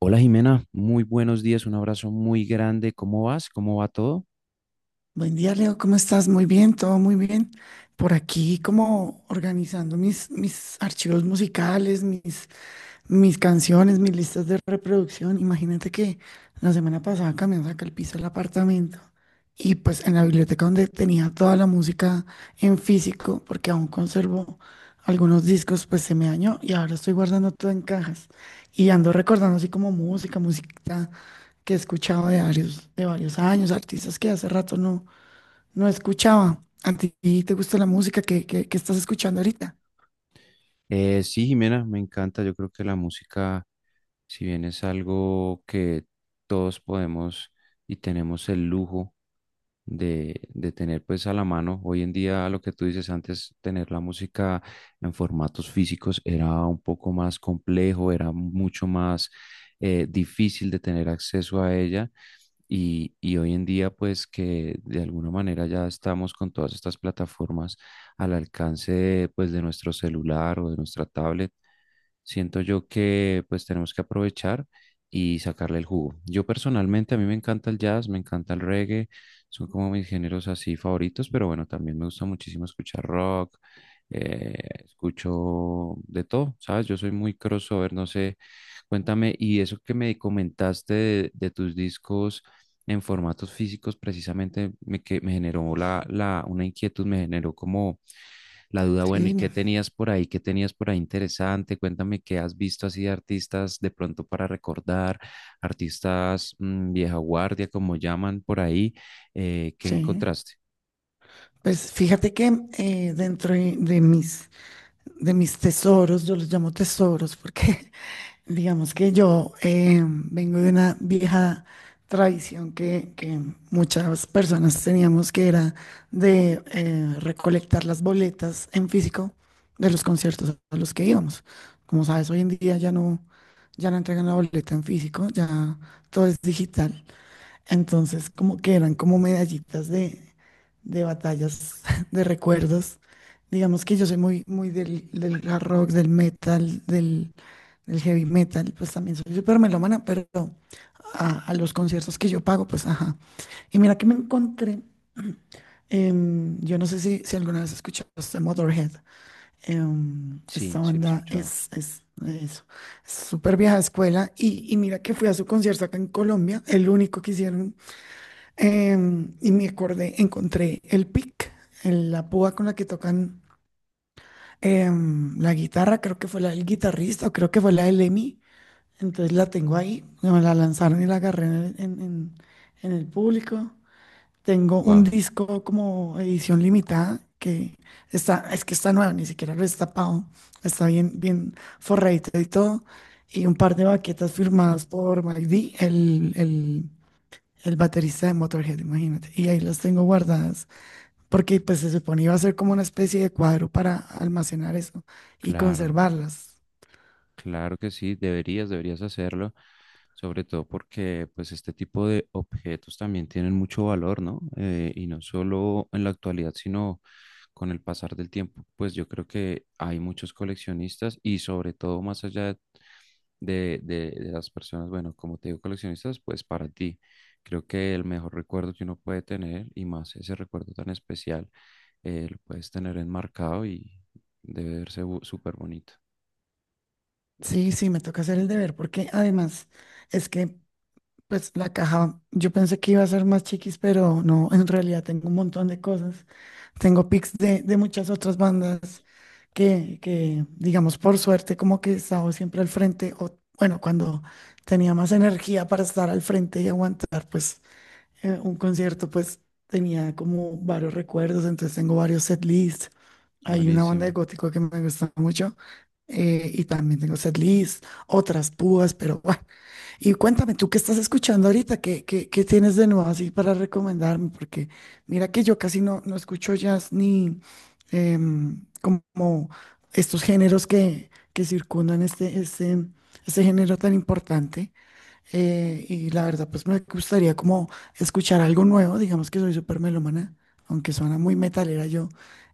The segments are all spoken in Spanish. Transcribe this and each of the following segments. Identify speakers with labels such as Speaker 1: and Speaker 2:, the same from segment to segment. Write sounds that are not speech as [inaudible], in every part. Speaker 1: Hola Jimena, muy buenos días, un abrazo muy grande. ¿Cómo vas? ¿Cómo va todo?
Speaker 2: Buen día, Leo. ¿Cómo estás? Muy bien, todo muy bien. Por aquí como organizando mis archivos musicales, mis canciones, mis listas de reproducción. Imagínate que la semana pasada cambiamos acá el piso del apartamento y pues en la biblioteca donde tenía toda la música en físico, porque aún conservo algunos discos, pues se me dañó y ahora estoy guardando todo en cajas y ando recordando así como música, música que he escuchado de varios años, artistas que hace rato no escuchaba. ¿A ti te gusta la música que estás escuchando ahorita?
Speaker 1: Sí, Jimena, me encanta. Yo creo que la música, si bien es algo que todos podemos y tenemos el lujo de tener pues a la mano, hoy en día lo que tú dices antes, tener la música en formatos físicos era un poco más complejo, era mucho más difícil de tener acceso a ella. Y hoy en día, pues que de alguna manera ya estamos con todas estas plataformas al alcance de, pues, de nuestro celular o de nuestra tablet, siento yo que pues tenemos que aprovechar y sacarle el jugo. Yo personalmente, a mí me encanta el jazz, me encanta el reggae, son como mis géneros así favoritos, pero bueno, también me gusta muchísimo escuchar rock, eh, escucho de todo, ¿sabes? Yo soy muy crossover, no sé, cuéntame, y eso que me comentaste de tus discos en formatos físicos precisamente me, que, me generó una inquietud, me generó como la duda,
Speaker 2: Sí,
Speaker 1: bueno, ¿y qué
Speaker 2: dime.
Speaker 1: tenías por ahí? ¿Qué tenías por ahí interesante? Cuéntame qué has visto así de artistas de pronto para recordar, artistas vieja guardia, como llaman por ahí, ¿qué
Speaker 2: Sí.
Speaker 1: encontraste?
Speaker 2: Pues fíjate que dentro de mis tesoros, yo los llamo tesoros porque [laughs] Digamos que yo vengo de una vieja tradición que muchas personas teníamos, que era de recolectar las boletas en físico de los conciertos a los que íbamos. Como sabes, hoy en día ya no entregan la boleta en físico, ya todo es digital. Entonces, como que eran como medallitas de batallas, [laughs] de recuerdos. Digamos que yo soy muy, muy del hard rock, del metal, del heavy metal, pues también soy súper melómana, pero a los conciertos que yo pago, pues ajá. Y mira que me encontré, yo no sé si alguna vez escuchaste Motorhead,
Speaker 1: Sí,
Speaker 2: esta
Speaker 1: sí lo he
Speaker 2: banda
Speaker 1: escuchado.
Speaker 2: es eso, es súper vieja escuela, y mira que fui a su concierto acá en Colombia, el único que hicieron. Y me acordé, encontré el pick, la púa con la que tocan la guitarra, creo que fue la del guitarrista o creo que fue la del Emi. Entonces la tengo ahí, me la lanzaron y la agarré en el público. Tengo un
Speaker 1: Wow,
Speaker 2: disco como edición limitada que está nuevo, ni siquiera lo he destapado, está bien, bien forradito y todo. Y un par de baquetas firmadas por Mike D, el baterista de Motorhead, imagínate. Y ahí las tengo guardadas, porque pues se supone iba a ser como una especie de cuadro para almacenar eso y
Speaker 1: claro.
Speaker 2: conservarlas.
Speaker 1: Claro que sí, deberías, deberías hacerlo, sobre todo porque pues este tipo de objetos también tienen mucho valor, ¿no? Y no solo en la actualidad, sino con el pasar del tiempo, pues yo creo que hay muchos coleccionistas y sobre todo más allá de las personas, bueno, como te digo, coleccionistas, pues para ti, creo que el mejor recuerdo que uno puede tener y más ese recuerdo tan especial, lo puedes tener enmarcado y debe verse súper bonito.
Speaker 2: Sí, sí, me toca hacer el deber, porque además es que pues la caja, yo pensé que iba a ser más chiquis, pero no, en realidad tengo un montón de cosas. Tengo pics de muchas otras bandas que, digamos, por suerte, como que he estado siempre al frente, o bueno, cuando tenía más energía para estar al frente y aguantar, pues un concierto, pues tenía como varios recuerdos, entonces tengo varios setlists. Hay una banda de
Speaker 1: Buenísimo.
Speaker 2: gótico que me gusta mucho, y también tengo setlists, otras púas, pero [laughs] bueno. Y cuéntame, ¿tú qué estás escuchando ahorita? ¿Qué tienes de nuevo así para recomendarme? Porque mira que yo casi no escucho jazz ni como estos géneros que circundan este género tan importante, y la verdad, pues me gustaría como escuchar algo nuevo, digamos que soy súper melómana, aunque suena muy metalera, yo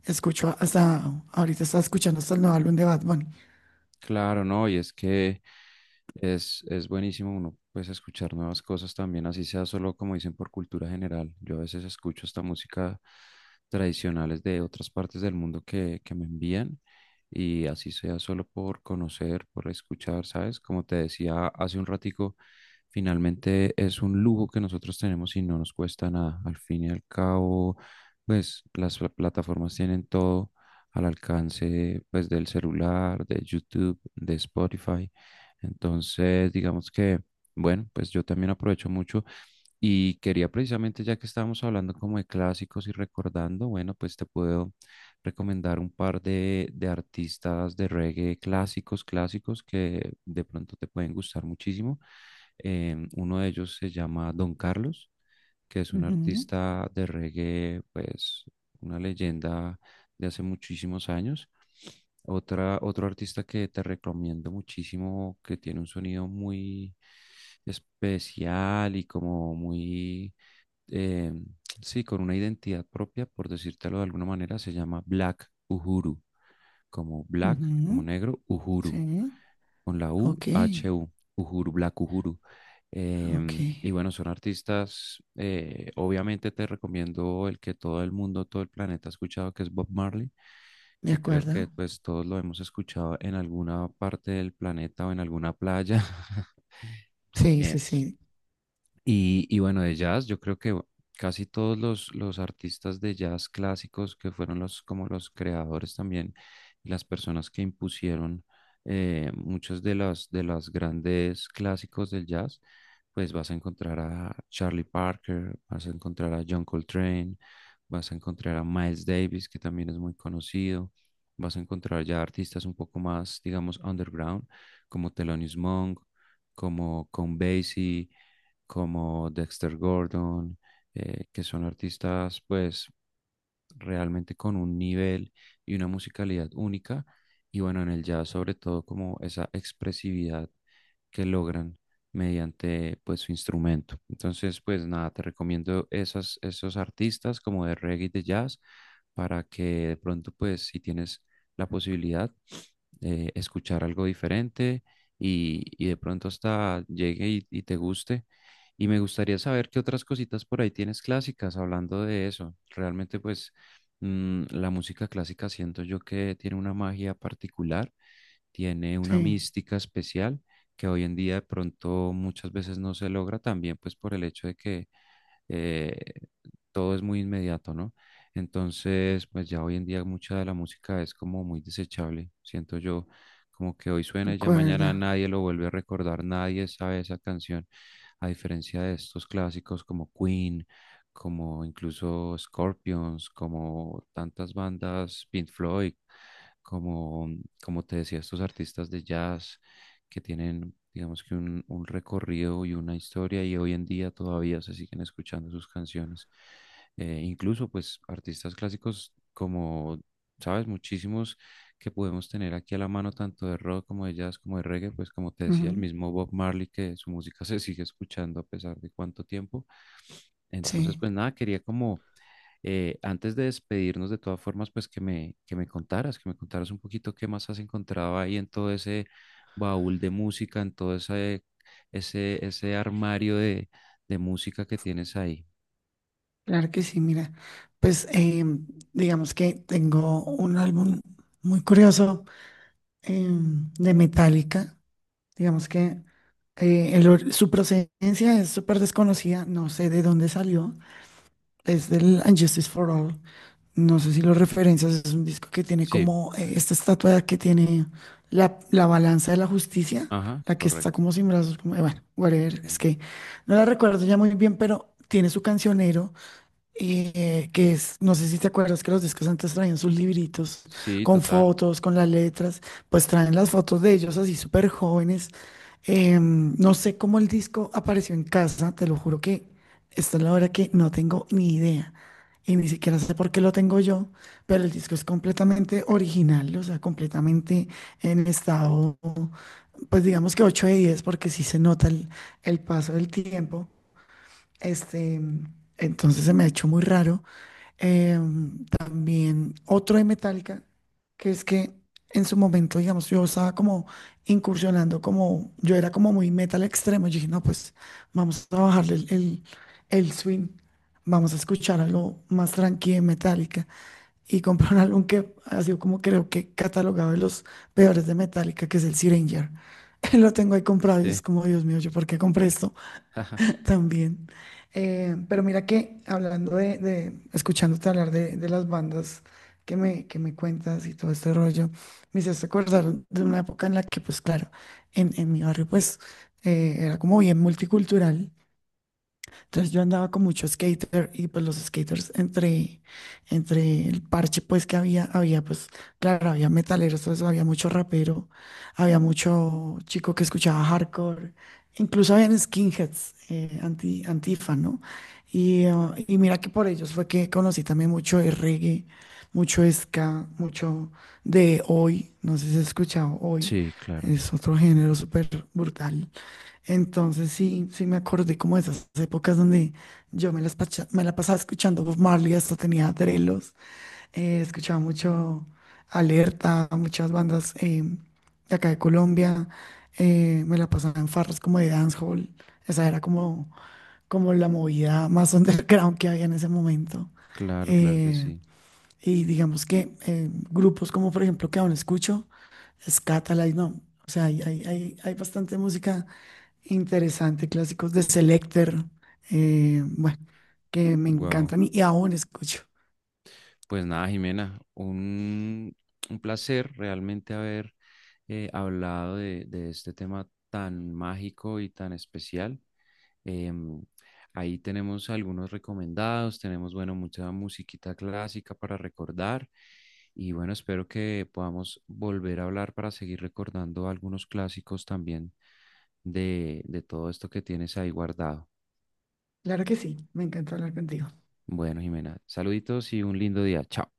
Speaker 2: escucho hasta, ahorita estaba escuchando hasta el nuevo álbum de Bad Bunny.
Speaker 1: Claro, no, y es que es buenísimo uno pues escuchar nuevas cosas también, así sea solo como dicen por cultura general. Yo a veces escucho esta música tradicionales de otras partes del mundo que me envían y así sea solo por conocer, por escuchar, ¿sabes? Como te decía hace un ratico, finalmente es un lujo que nosotros tenemos y no nos cuesta nada. Al fin y al cabo, pues las plataformas tienen todo al alcance pues del celular, de YouTube, de Spotify. Entonces, digamos que, bueno, pues yo también aprovecho mucho y quería precisamente, ya que estábamos hablando como de clásicos y recordando, bueno, pues te puedo recomendar un par de artistas de reggae clásicos, clásicos que de pronto te pueden gustar muchísimo. Uno de ellos se llama Don Carlos, que es un
Speaker 2: Ujú,
Speaker 1: artista de reggae, pues una leyenda de hace muchísimos años. Otra, otro artista que te recomiendo muchísimo, que tiene un sonido muy especial y como muy, eh, sí, con una identidad propia, por decírtelo de alguna manera, se llama Black Uhuru como Black, como
Speaker 2: ujú,
Speaker 1: negro,
Speaker 2: sí,
Speaker 1: Uhuru, con la U,
Speaker 2: ok,
Speaker 1: H, U, Uhuru, Black Uhuru.
Speaker 2: ok,
Speaker 1: Y, bueno, son artistas, obviamente te recomiendo el que todo el mundo, todo el planeta ha escuchado, que es Bob Marley,
Speaker 2: de
Speaker 1: que creo que
Speaker 2: acuerdo.
Speaker 1: pues todos lo hemos escuchado en alguna parte del planeta o en alguna playa. [laughs]
Speaker 2: Sí,
Speaker 1: Em,
Speaker 2: sí, sí,
Speaker 1: y bueno, de jazz, yo creo que casi todos los artistas de jazz clásicos que fueron los, como los creadores también, y las personas que impusieron muchos de los grandes clásicos del jazz, pues vas a encontrar a Charlie Parker, vas a encontrar a John Coltrane, vas a encontrar a Miles Davis, que también es muy conocido, vas a encontrar ya artistas un poco más, digamos, underground, como Thelonious Monk, como Count Basie, como Dexter Gordon, que son artistas pues realmente con un nivel y una musicalidad única, y bueno, en el jazz sobre todo como esa expresividad que logran mediante pues su instrumento. Entonces, pues nada, te recomiendo esas, esos artistas como de reggae y de jazz para que de pronto pues si tienes la posibilidad escuchar algo diferente y de pronto hasta llegue y te guste. Y me gustaría saber qué otras cositas por ahí tienes clásicas hablando de eso. Realmente pues la música clásica siento yo que tiene una magia particular, tiene una
Speaker 2: sí,
Speaker 1: mística especial que hoy en día de pronto muchas veces no se logra también pues por el hecho de que eh, todo es muy inmediato, ¿no? Entonces, pues ya hoy en día mucha de la música es como muy desechable, siento yo, como que hoy
Speaker 2: de
Speaker 1: suena y ya mañana
Speaker 2: acuerdo.
Speaker 1: nadie lo vuelve a recordar, nadie sabe esa canción, a diferencia de estos clásicos como Queen, como incluso Scorpions, como tantas bandas, Pink Floyd, como, como te decía, estos artistas de jazz, que tienen, digamos que un recorrido y una historia y hoy en día todavía se siguen escuchando sus canciones. Incluso pues artistas clásicos como, sabes, muchísimos que podemos tener aquí a la mano, tanto de rock como de jazz, como de reggae, pues como te decía, el
Speaker 2: Ujú,
Speaker 1: mismo Bob Marley, que su música se sigue escuchando a pesar de cuánto tiempo. Entonces,
Speaker 2: sí,
Speaker 1: pues nada, quería como antes de despedirnos, de todas formas, pues que me contaras un poquito qué más has encontrado ahí en todo ese baúl de música, en todo ese armario de música que tienes ahí.
Speaker 2: claro que sí, mira, pues digamos que tengo un álbum muy curioso, de Metallica, digamos que... Su procedencia es súper desconocida, no sé de dónde salió. Es del And Justice for All. No sé si lo referencias, es un disco que tiene
Speaker 1: Sí,
Speaker 2: como esta estatua que tiene la balanza de la justicia,
Speaker 1: ajá,
Speaker 2: la que está
Speaker 1: correcto.
Speaker 2: como sin brazos, como, bueno, whatever,
Speaker 1: Sí,
Speaker 2: es que no la recuerdo ya muy bien, pero tiene su cancionero, que es, no sé si te acuerdas que los discos antes traían sus libritos
Speaker 1: sí,
Speaker 2: con
Speaker 1: total.
Speaker 2: fotos, con las letras, pues traen las fotos de ellos así súper jóvenes. No sé cómo el disco apareció en casa, te lo juro que esta es la hora que no tengo ni idea. Y ni siquiera sé por qué lo tengo yo, pero el disco es completamente original, o sea, completamente en estado, pues digamos que 8 de 10 porque sí se nota el paso del tiempo. Este, entonces se me ha hecho muy raro. También otro de Metallica, que es que en su momento, digamos, yo estaba como incursionando, como yo era como muy metal extremo. Yo dije, no, pues vamos a bajarle el swing, vamos a escuchar algo más tranquilo de Metallica. Y compré un álbum que ha sido como creo que catalogado de los peores de Metallica, que es el Syringer. [laughs] Lo tengo ahí comprado y
Speaker 1: Sí.
Speaker 2: es como, Dios mío, ¿yo por qué compré esto? [laughs]
Speaker 1: [laughs]
Speaker 2: También. Pero mira que hablando escuchándote hablar de las bandas que me cuentas y todo este rollo, me hiciste acordar de una época en la que, pues claro, en mi barrio, pues era como bien multicultural. Entonces yo andaba con mucho skater y pues los skaters entre el parche pues que había pues, claro, había metaleros, todo eso, había mucho rapero, había mucho chico que escuchaba hardcore, incluso habían skinheads, antifa, ¿no? Y mira que por ellos fue que conocí también mucho de reggae, mucho ska, mucho de hoy, no sé si has escuchado hoy,
Speaker 1: Sí, claro,
Speaker 2: es otro género súper brutal. Entonces sí, sí me acordé como de esas épocas donde yo me la pasaba escuchando Bob Marley, hasta tenía drelos, escuchaba mucho Alerta, muchas bandas, de acá de Colombia, me la pasaba en farras como de dancehall, esa era como, la movida más [laughs] underground que había en ese momento.
Speaker 1: claro, claro que
Speaker 2: Eh,
Speaker 1: sí.
Speaker 2: y digamos que grupos como por ejemplo que aún escucho, Scatalight, no. O sea, hay bastante música interesante, clásicos de Selecter, bueno, que me
Speaker 1: Wow.
Speaker 2: encantan y aún escucho.
Speaker 1: Pues nada, Jimena, un placer realmente haber hablado de este tema tan mágico y tan especial. Em, Ahí tenemos algunos recomendados, tenemos, bueno, mucha musiquita clásica para recordar y bueno, espero que podamos volver a hablar para seguir recordando algunos clásicos también de todo esto que tienes ahí guardado.
Speaker 2: Claro que sí, me encanta hablar contigo.
Speaker 1: Bueno, Jimena, saluditos y un lindo día. Chao.